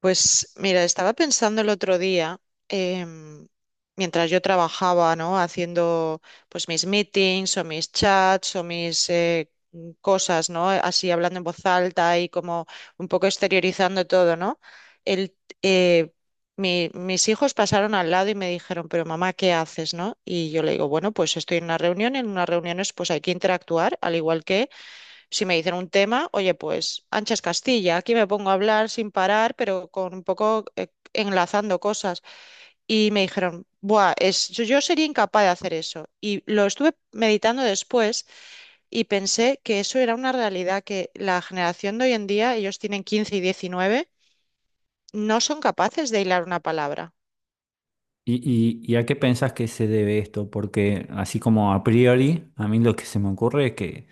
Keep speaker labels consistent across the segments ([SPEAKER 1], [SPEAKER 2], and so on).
[SPEAKER 1] Pues mira, estaba pensando el otro día, em, mientras yo trabajaba, ¿no? Haciendo pues mis meetings o mis chats o mis cosas, ¿no? Así hablando en voz alta y como un poco exteriorizando todo, ¿no? El, eh, Mis hijos pasaron al lado y me dijeron, pero mamá, ¿qué haces, no? Y yo le digo, bueno, pues estoy en una reunión, en unas reuniones pues hay que interactuar, al igual que si me dicen un tema, oye, pues Anchas Castilla, aquí me pongo a hablar sin parar, pero con un poco enlazando cosas. Y me dijeron, Buah, es, yo sería incapaz de hacer eso. Y lo estuve meditando después y pensé que eso era una realidad que la generación de hoy en día, ellos tienen 15 y 19, no son capaces de hilar una palabra.
[SPEAKER 2] ¿Y, y a qué pensás que se debe esto? Porque así como a priori, a mí lo que se me ocurre es que,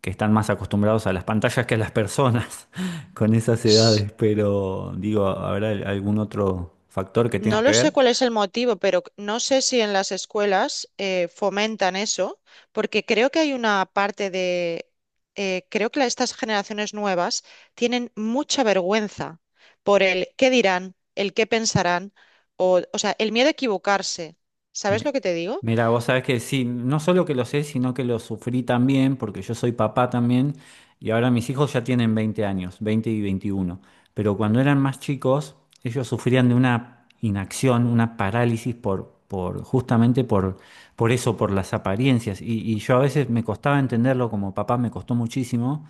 [SPEAKER 2] que están más acostumbrados a las pantallas que a las personas con esas edades, pero digo, ¿habrá algún otro factor que
[SPEAKER 1] No
[SPEAKER 2] tenga que
[SPEAKER 1] lo sé cuál
[SPEAKER 2] ver?
[SPEAKER 1] es el motivo, pero no sé si en las escuelas fomentan eso, porque creo que hay una parte de, creo que estas generaciones nuevas tienen mucha vergüenza por el qué dirán, el qué pensarán, o sea, el miedo a equivocarse. ¿Sabes
[SPEAKER 2] Mi-
[SPEAKER 1] lo que te digo?
[SPEAKER 2] Mira, vos sabés que sí, no solo que lo sé, sino que lo sufrí también, porque yo soy papá también, y ahora mis hijos ya tienen 20 años, 20 y 21. Pero cuando eran más chicos, ellos sufrían de una inacción, una parálisis por justamente por eso, por las apariencias. Y yo a veces me costaba entenderlo, como papá me costó muchísimo,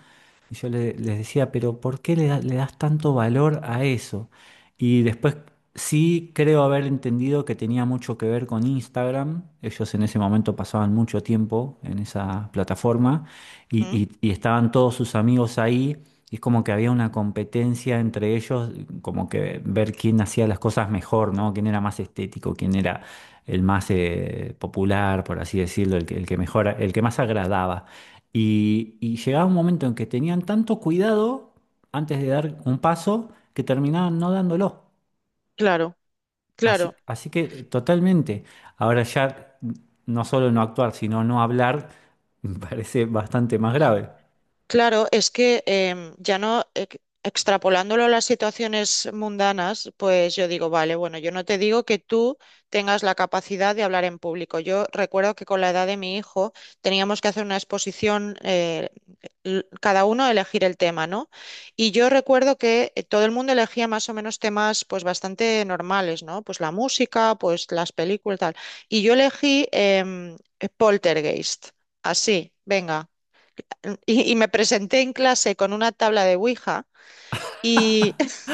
[SPEAKER 2] y yo les decía, pero ¿por qué le das tanto valor a eso? Y después sí creo haber entendido que tenía mucho que ver con Instagram. Ellos en ese momento pasaban mucho tiempo en esa plataforma y,
[SPEAKER 1] Mm.
[SPEAKER 2] y- y estaban todos sus amigos ahí. Y es como que había una competencia entre ellos, como que ver quién hacía las cosas mejor, ¿no? Quién era más estético, quién era el más popular, por así decirlo, el que mejor, el que más agradaba. Y llegaba un momento en que tenían tanto cuidado antes de dar un paso que terminaban no dándolo.
[SPEAKER 1] Claro, claro.
[SPEAKER 2] Así que totalmente. Ahora ya no solo no actuar, sino no hablar, me parece bastante más grave.
[SPEAKER 1] Claro, es que ya no extrapolándolo a las situaciones mundanas, pues yo digo, vale, bueno, yo no te digo que tú tengas la capacidad de hablar en público. Yo recuerdo que con la edad de mi hijo teníamos que hacer una exposición, cada uno elegir el tema, ¿no? Y yo recuerdo que todo el mundo elegía más o menos temas pues bastante normales, ¿no? Pues la música, pues las películas, tal. Y yo elegí Poltergeist, así, venga. Y me presenté en clase con una tabla de Ouija y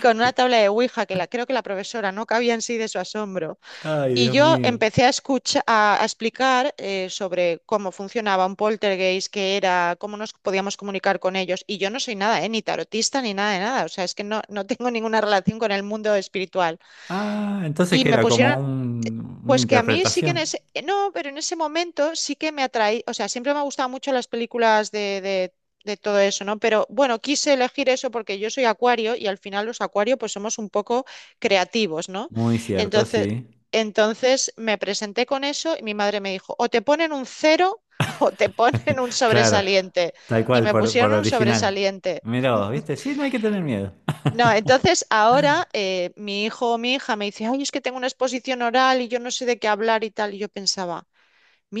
[SPEAKER 1] con una tabla de Ouija que la, creo que la profesora no cabía en sí de su asombro.
[SPEAKER 2] Ay,
[SPEAKER 1] Y
[SPEAKER 2] Dios
[SPEAKER 1] yo
[SPEAKER 2] mío.
[SPEAKER 1] empecé a escuchar, a explicar sobre cómo funcionaba un poltergeist, qué era, cómo nos podíamos comunicar con ellos. Y yo no soy nada, ni tarotista ni nada de nada. O sea, es que no, no tengo ninguna relación con el mundo espiritual.
[SPEAKER 2] Ah, entonces
[SPEAKER 1] Y
[SPEAKER 2] que
[SPEAKER 1] me
[SPEAKER 2] era como
[SPEAKER 1] pusieron.
[SPEAKER 2] una
[SPEAKER 1] Pues que a mí sí que en
[SPEAKER 2] interpretación.
[SPEAKER 1] ese, no, pero en ese momento sí que me atraí, o sea, siempre me han gustado mucho las películas de, de todo eso, ¿no? Pero bueno, quise elegir eso porque yo soy acuario y al final los acuarios pues somos un poco creativos, ¿no?
[SPEAKER 2] Muy cierto,
[SPEAKER 1] Entonces,
[SPEAKER 2] sí.
[SPEAKER 1] entonces me presenté con eso y mi madre me dijo, o te ponen un cero o te ponen un
[SPEAKER 2] Claro,
[SPEAKER 1] sobresaliente.
[SPEAKER 2] tal
[SPEAKER 1] Y
[SPEAKER 2] cual,
[SPEAKER 1] me
[SPEAKER 2] por
[SPEAKER 1] pusieron un
[SPEAKER 2] original.
[SPEAKER 1] sobresaliente.
[SPEAKER 2] Mirá vos, ¿viste? Sí, no hay que tener miedo.
[SPEAKER 1] No, entonces ahora mi hijo o mi hija me dice, ay, es que tengo una exposición oral y yo no sé de qué hablar y tal. Y yo pensaba.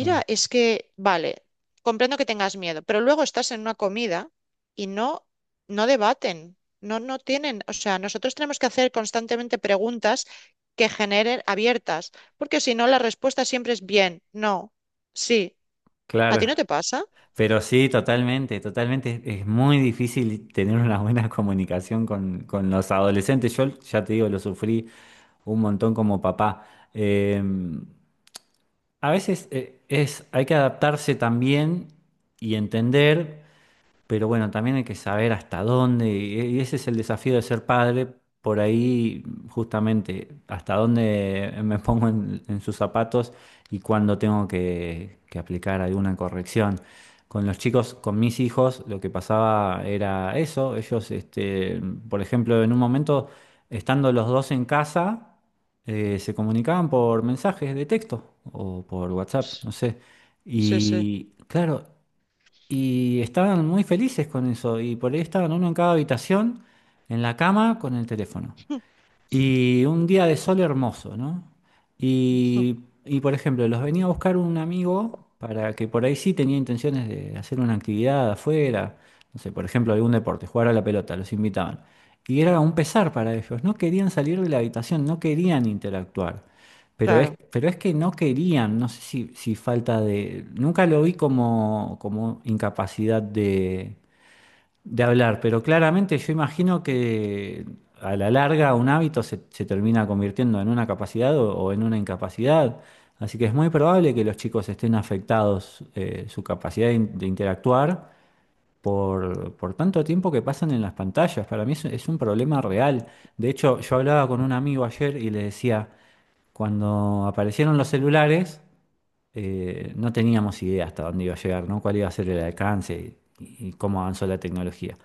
[SPEAKER 2] Ah,
[SPEAKER 1] es que, vale, comprendo que tengas miedo, pero luego estás en una comida y no, no debaten, no, no tienen, o sea, nosotros tenemos que hacer constantemente preguntas que generen abiertas, porque si no, la respuesta siempre es bien, no, sí. ¿A ti
[SPEAKER 2] claro.
[SPEAKER 1] no te pasa?
[SPEAKER 2] Pero sí, totalmente, totalmente. Muy difícil tener una buena comunicación con los adolescentes. Yo ya te digo, lo sufrí un montón como papá. Eh, a veces hay que adaptarse también y entender, pero bueno, también hay que saber hasta dónde, y ese es el desafío de ser padre, por ahí justamente, hasta dónde me pongo en sus zapatos y cuándo tengo que aplicar alguna corrección. Con los chicos, con mis hijos, lo que pasaba era eso, ellos, por ejemplo, en un momento, estando los dos en casa, se comunicaban por mensajes de texto o por WhatsApp, no sé.
[SPEAKER 1] Sí, sí.
[SPEAKER 2] Y claro, y estaban muy felices con eso. Y por ahí estaban uno en cada habitación, en la cama, con el teléfono. Y un día de sol hermoso, ¿no? Y, por ejemplo, los venía a buscar un amigo para que por ahí sí tenía intenciones de hacer una actividad afuera, no sé, por ejemplo, algún deporte, jugar a la pelota, los invitaban. Y era un pesar para ellos, no querían salir de la habitación, no querían interactuar.
[SPEAKER 1] Claro,
[SPEAKER 2] Pero es que no querían, no sé si falta de... Nunca lo vi como, como incapacidad de hablar, pero claramente yo imagino que a la larga un hábito se termina convirtiendo en una capacidad o en una incapacidad, así que es muy probable que los chicos estén afectados su capacidad de interactuar por tanto tiempo que pasan en las pantallas. Para mí es un problema real. De hecho, yo hablaba con un amigo ayer y le decía, cuando aparecieron los celulares, no teníamos idea hasta dónde iba a llegar, ¿no? Cuál iba a ser el alcance y cómo avanzó la tecnología.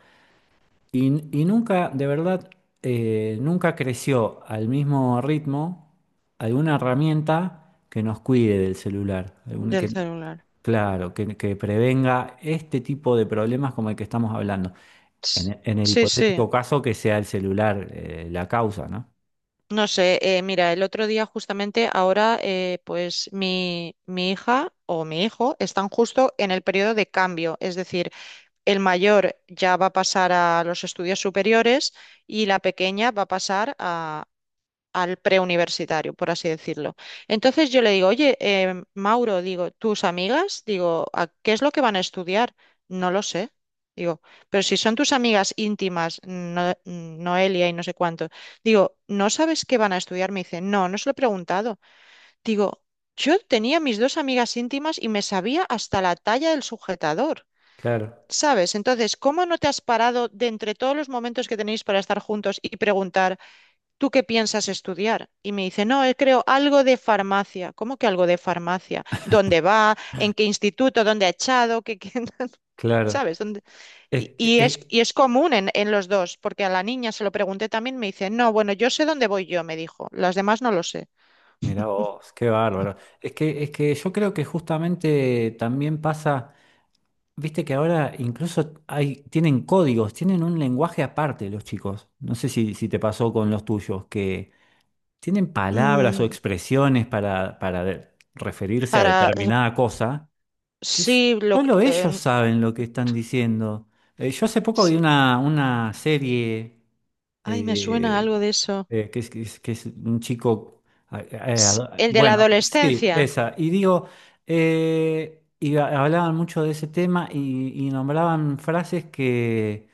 [SPEAKER 2] Y nunca, de verdad, nunca creció al mismo ritmo alguna herramienta que nos cuide del celular,
[SPEAKER 1] del
[SPEAKER 2] que,
[SPEAKER 1] celular.
[SPEAKER 2] claro, que prevenga este tipo de problemas como el que estamos hablando,
[SPEAKER 1] Ts-.
[SPEAKER 2] en el
[SPEAKER 1] Sí, sí.
[SPEAKER 2] hipotético caso que sea el celular, la causa, ¿no?
[SPEAKER 1] No sé, mira, el otro día justamente ahora, pues mi hija o mi hijo están justo en el periodo de cambio, es decir, el mayor ya va a pasar a los estudios superiores y la pequeña va a pasar al preuniversitario, por así decirlo. Entonces yo le digo, oye, Mauro, digo, tus amigas, digo, ¿a qué es lo que van a estudiar? No lo sé. Digo, pero si son tus amigas íntimas, Noelia y no sé cuánto, digo, ¿no sabes qué van a estudiar? Me dice, no, no se lo he preguntado. Digo, yo tenía mis dos amigas íntimas y me sabía hasta la talla del sujetador.
[SPEAKER 2] Claro,
[SPEAKER 1] ¿Sabes? Entonces, ¿cómo no te has parado de entre todos los momentos que tenéis para estar juntos y preguntar? ¿Tú qué piensas estudiar? Y me dice, no, creo algo de farmacia. ¿Cómo que algo de farmacia? ¿Dónde va? ¿En qué instituto? ¿Dónde ha echado? ¿Qué, qué-
[SPEAKER 2] claro.
[SPEAKER 1] sabes ¿Dónde?
[SPEAKER 2] Es, es-
[SPEAKER 1] Y es común en los dos, porque a la niña se lo pregunté también, me dice, no, bueno, yo sé dónde voy yo, me dijo, las demás no lo sé.
[SPEAKER 2] Mirá vos, qué bárbaro. Es que yo creo que justamente también pasa... Viste que ahora incluso tienen códigos, tienen un lenguaje aparte los chicos. No sé si te pasó con los tuyos, que tienen palabras o
[SPEAKER 1] Mm.
[SPEAKER 2] expresiones para referirse a
[SPEAKER 1] para, eh,
[SPEAKER 2] determinada cosa que
[SPEAKER 1] sí, lo,
[SPEAKER 2] solo ellos saben lo que están diciendo. Yo hace poco
[SPEAKER 1] s-
[SPEAKER 2] vi una serie,
[SPEAKER 1] ay, me suena
[SPEAKER 2] eh,
[SPEAKER 1] algo de eso.
[SPEAKER 2] que es un chico, a- a-
[SPEAKER 1] El de la
[SPEAKER 2] bueno, sí,
[SPEAKER 1] adolescencia.
[SPEAKER 2] esa, y digo, hablaban mucho de ese tema y nombraban frases que...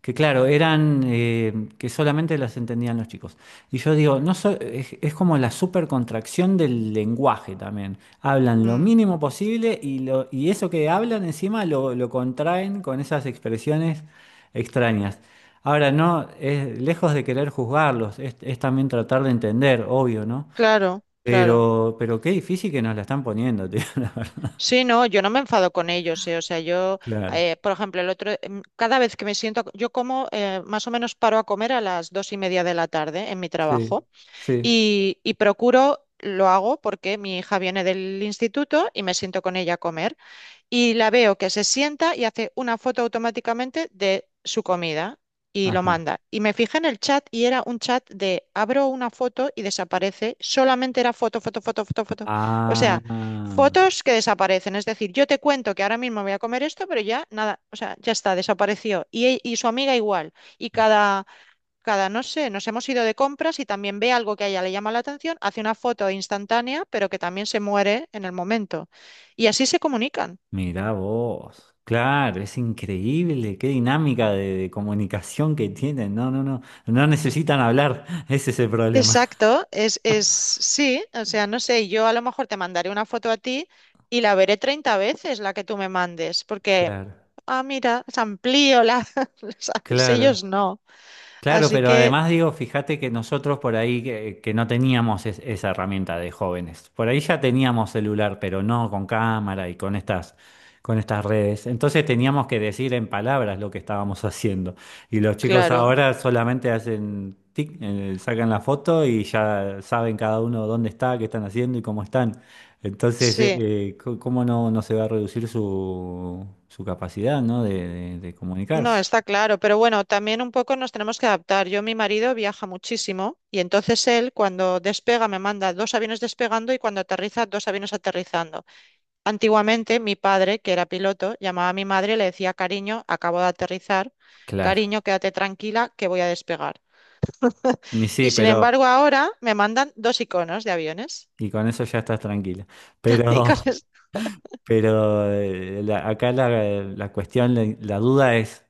[SPEAKER 2] Que claro, eran que solamente las entendían los chicos. Y yo digo, no so- es como la supercontracción del lenguaje también. Hablan lo
[SPEAKER 1] Mm,
[SPEAKER 2] mínimo posible y eso que hablan encima lo contraen con esas expresiones extrañas. Ahora, no, es lejos de querer juzgarlos, es también tratar de entender, obvio, ¿no?
[SPEAKER 1] claro, claro.
[SPEAKER 2] Pero qué difícil que nos la están poniendo, tío.
[SPEAKER 1] Sí, no, yo no me enfado con ellos, o sea, yo,
[SPEAKER 2] Claro.
[SPEAKER 1] por ejemplo, el otro, cada vez que me siento, yo como, más o menos paro a comer a las dos y media de la tarde en mi
[SPEAKER 2] Sí,
[SPEAKER 1] trabajo
[SPEAKER 2] sí.
[SPEAKER 1] y procuro, lo hago porque mi hija viene del instituto y me siento con ella a comer. Y la veo que se sienta y hace una foto automáticamente de su comida y lo
[SPEAKER 2] Ajá.
[SPEAKER 1] manda. Y me fijé en el chat y era un chat de abro una foto y desaparece. Solamente era foto, foto, foto, foto, foto. O sea,
[SPEAKER 2] Ah.
[SPEAKER 1] fotos que desaparecen. Es decir, yo te cuento que ahora mismo voy a comer esto, pero ya nada, o sea, ya está, desapareció. Y, y su amiga igual. Y cada... Cada, no sé, nos hemos ido de compras y también ve algo que a ella le llama la atención, hace una foto instantánea, pero que también se muere en el momento. Y así se comunican.
[SPEAKER 2] Mirá vos. Claro, es increíble, qué dinámica de comunicación que tienen. No, no, no, no necesitan hablar, ese es el problema.
[SPEAKER 1] Exacto, es sí, o sea, no sé, yo a lo mejor te mandaré una foto a ti y la veré 30 veces la que tú me mandes, porque,
[SPEAKER 2] Claro,
[SPEAKER 1] ah, mira, se amplío la, ¿sabes?
[SPEAKER 2] claro.
[SPEAKER 1] Ellos no.
[SPEAKER 2] Claro,
[SPEAKER 1] Así
[SPEAKER 2] pero
[SPEAKER 1] que,
[SPEAKER 2] además digo, fíjate que nosotros por ahí que no teníamos esa herramienta de jóvenes. Por ahí ya teníamos celular, pero no con cámara y con estas redes. Entonces teníamos que decir en palabras lo que estábamos haciendo. Y los chicos
[SPEAKER 1] claro,
[SPEAKER 2] ahora solamente hacen tic, sacan la foto y ya saben cada uno dónde está, qué están haciendo y cómo están. Entonces,
[SPEAKER 1] sí,
[SPEAKER 2] ¿cómo no se va a reducir su capacidad, ¿no? de
[SPEAKER 1] no,
[SPEAKER 2] comunicarse?
[SPEAKER 1] está claro, pero bueno, también un poco nos tenemos que adaptar. Yo, mi marido viaja muchísimo y entonces él cuando despega me manda dos aviones despegando y cuando aterriza dos aviones aterrizando. Antiguamente, mi padre, que era piloto, llamaba a mi madre y le decía, cariño, acabo de aterrizar,
[SPEAKER 2] Claro.
[SPEAKER 1] cariño, quédate tranquila, que voy a despegar.
[SPEAKER 2] Y sí,
[SPEAKER 1] Y sin
[SPEAKER 2] pero,
[SPEAKER 1] embargo, ahora me mandan dos iconos de aviones.
[SPEAKER 2] y con eso ya estás tranquila.
[SPEAKER 1] Y
[SPEAKER 2] Pero,
[SPEAKER 1] con es-
[SPEAKER 2] acá la cuestión, la duda es,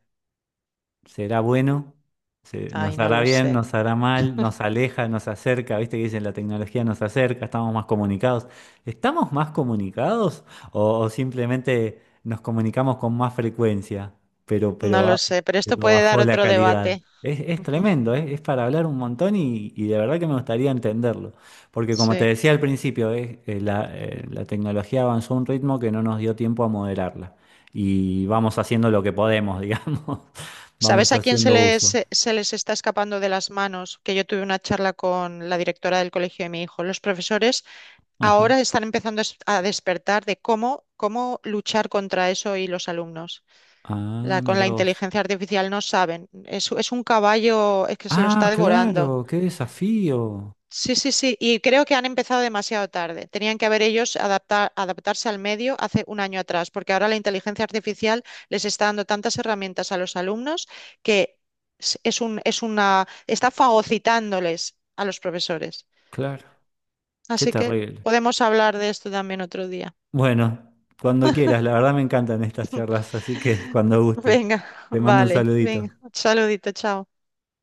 [SPEAKER 2] será bueno, nos
[SPEAKER 1] Ay, no
[SPEAKER 2] hará
[SPEAKER 1] lo
[SPEAKER 2] bien,
[SPEAKER 1] sé,
[SPEAKER 2] nos hará mal, nos aleja, nos acerca, viste que dicen la tecnología nos acerca, estamos más comunicados. ¿Estamos más comunicados o simplemente nos comunicamos con más frecuencia, pero,
[SPEAKER 1] no
[SPEAKER 2] pero,
[SPEAKER 1] lo
[SPEAKER 2] ba-
[SPEAKER 1] sé, pero esto
[SPEAKER 2] pero
[SPEAKER 1] puede dar
[SPEAKER 2] bajó la
[SPEAKER 1] otro
[SPEAKER 2] calidad?
[SPEAKER 1] debate.
[SPEAKER 2] Es tremendo, es para hablar un montón y de verdad que me gustaría entenderlo, porque como te
[SPEAKER 1] Sí.
[SPEAKER 2] decía al principio, la tecnología avanzó a un ritmo que no nos dio tiempo a moderarla y vamos haciendo lo que podemos, digamos,
[SPEAKER 1] ¿Sabes
[SPEAKER 2] vamos
[SPEAKER 1] a quién se
[SPEAKER 2] haciendo
[SPEAKER 1] les,
[SPEAKER 2] uso.
[SPEAKER 1] se les está escapando de las manos? Que yo tuve una charla con la directora del colegio de mi hijo. Los profesores
[SPEAKER 2] Ajá.
[SPEAKER 1] ahora están empezando a a despertar de cómo, cómo luchar contra eso y los alumnos.
[SPEAKER 2] Ah,
[SPEAKER 1] La, con
[SPEAKER 2] mira
[SPEAKER 1] la
[SPEAKER 2] vos.
[SPEAKER 1] inteligencia artificial no saben. Es un caballo, es que se lo
[SPEAKER 2] Ah,
[SPEAKER 1] está devorando.
[SPEAKER 2] claro, qué desafío.
[SPEAKER 1] Sí, sí, sí. Y creo que han empezado demasiado tarde. Tenían que haber ellos adaptar, adaptarse al medio hace un año atrás, porque ahora la inteligencia artificial les está dando tantas herramientas a los alumnos que es un, es una, está fagocitándoles a los profesores.
[SPEAKER 2] Claro, qué
[SPEAKER 1] Así que
[SPEAKER 2] terrible.
[SPEAKER 1] podemos hablar de esto también otro día.
[SPEAKER 2] Bueno, cuando quieras, la verdad me encantan estas charlas, así que cuando gustes.
[SPEAKER 1] Venga,
[SPEAKER 2] Te mando un
[SPEAKER 1] vale, venga.
[SPEAKER 2] saludito.
[SPEAKER 1] Saludito, chao.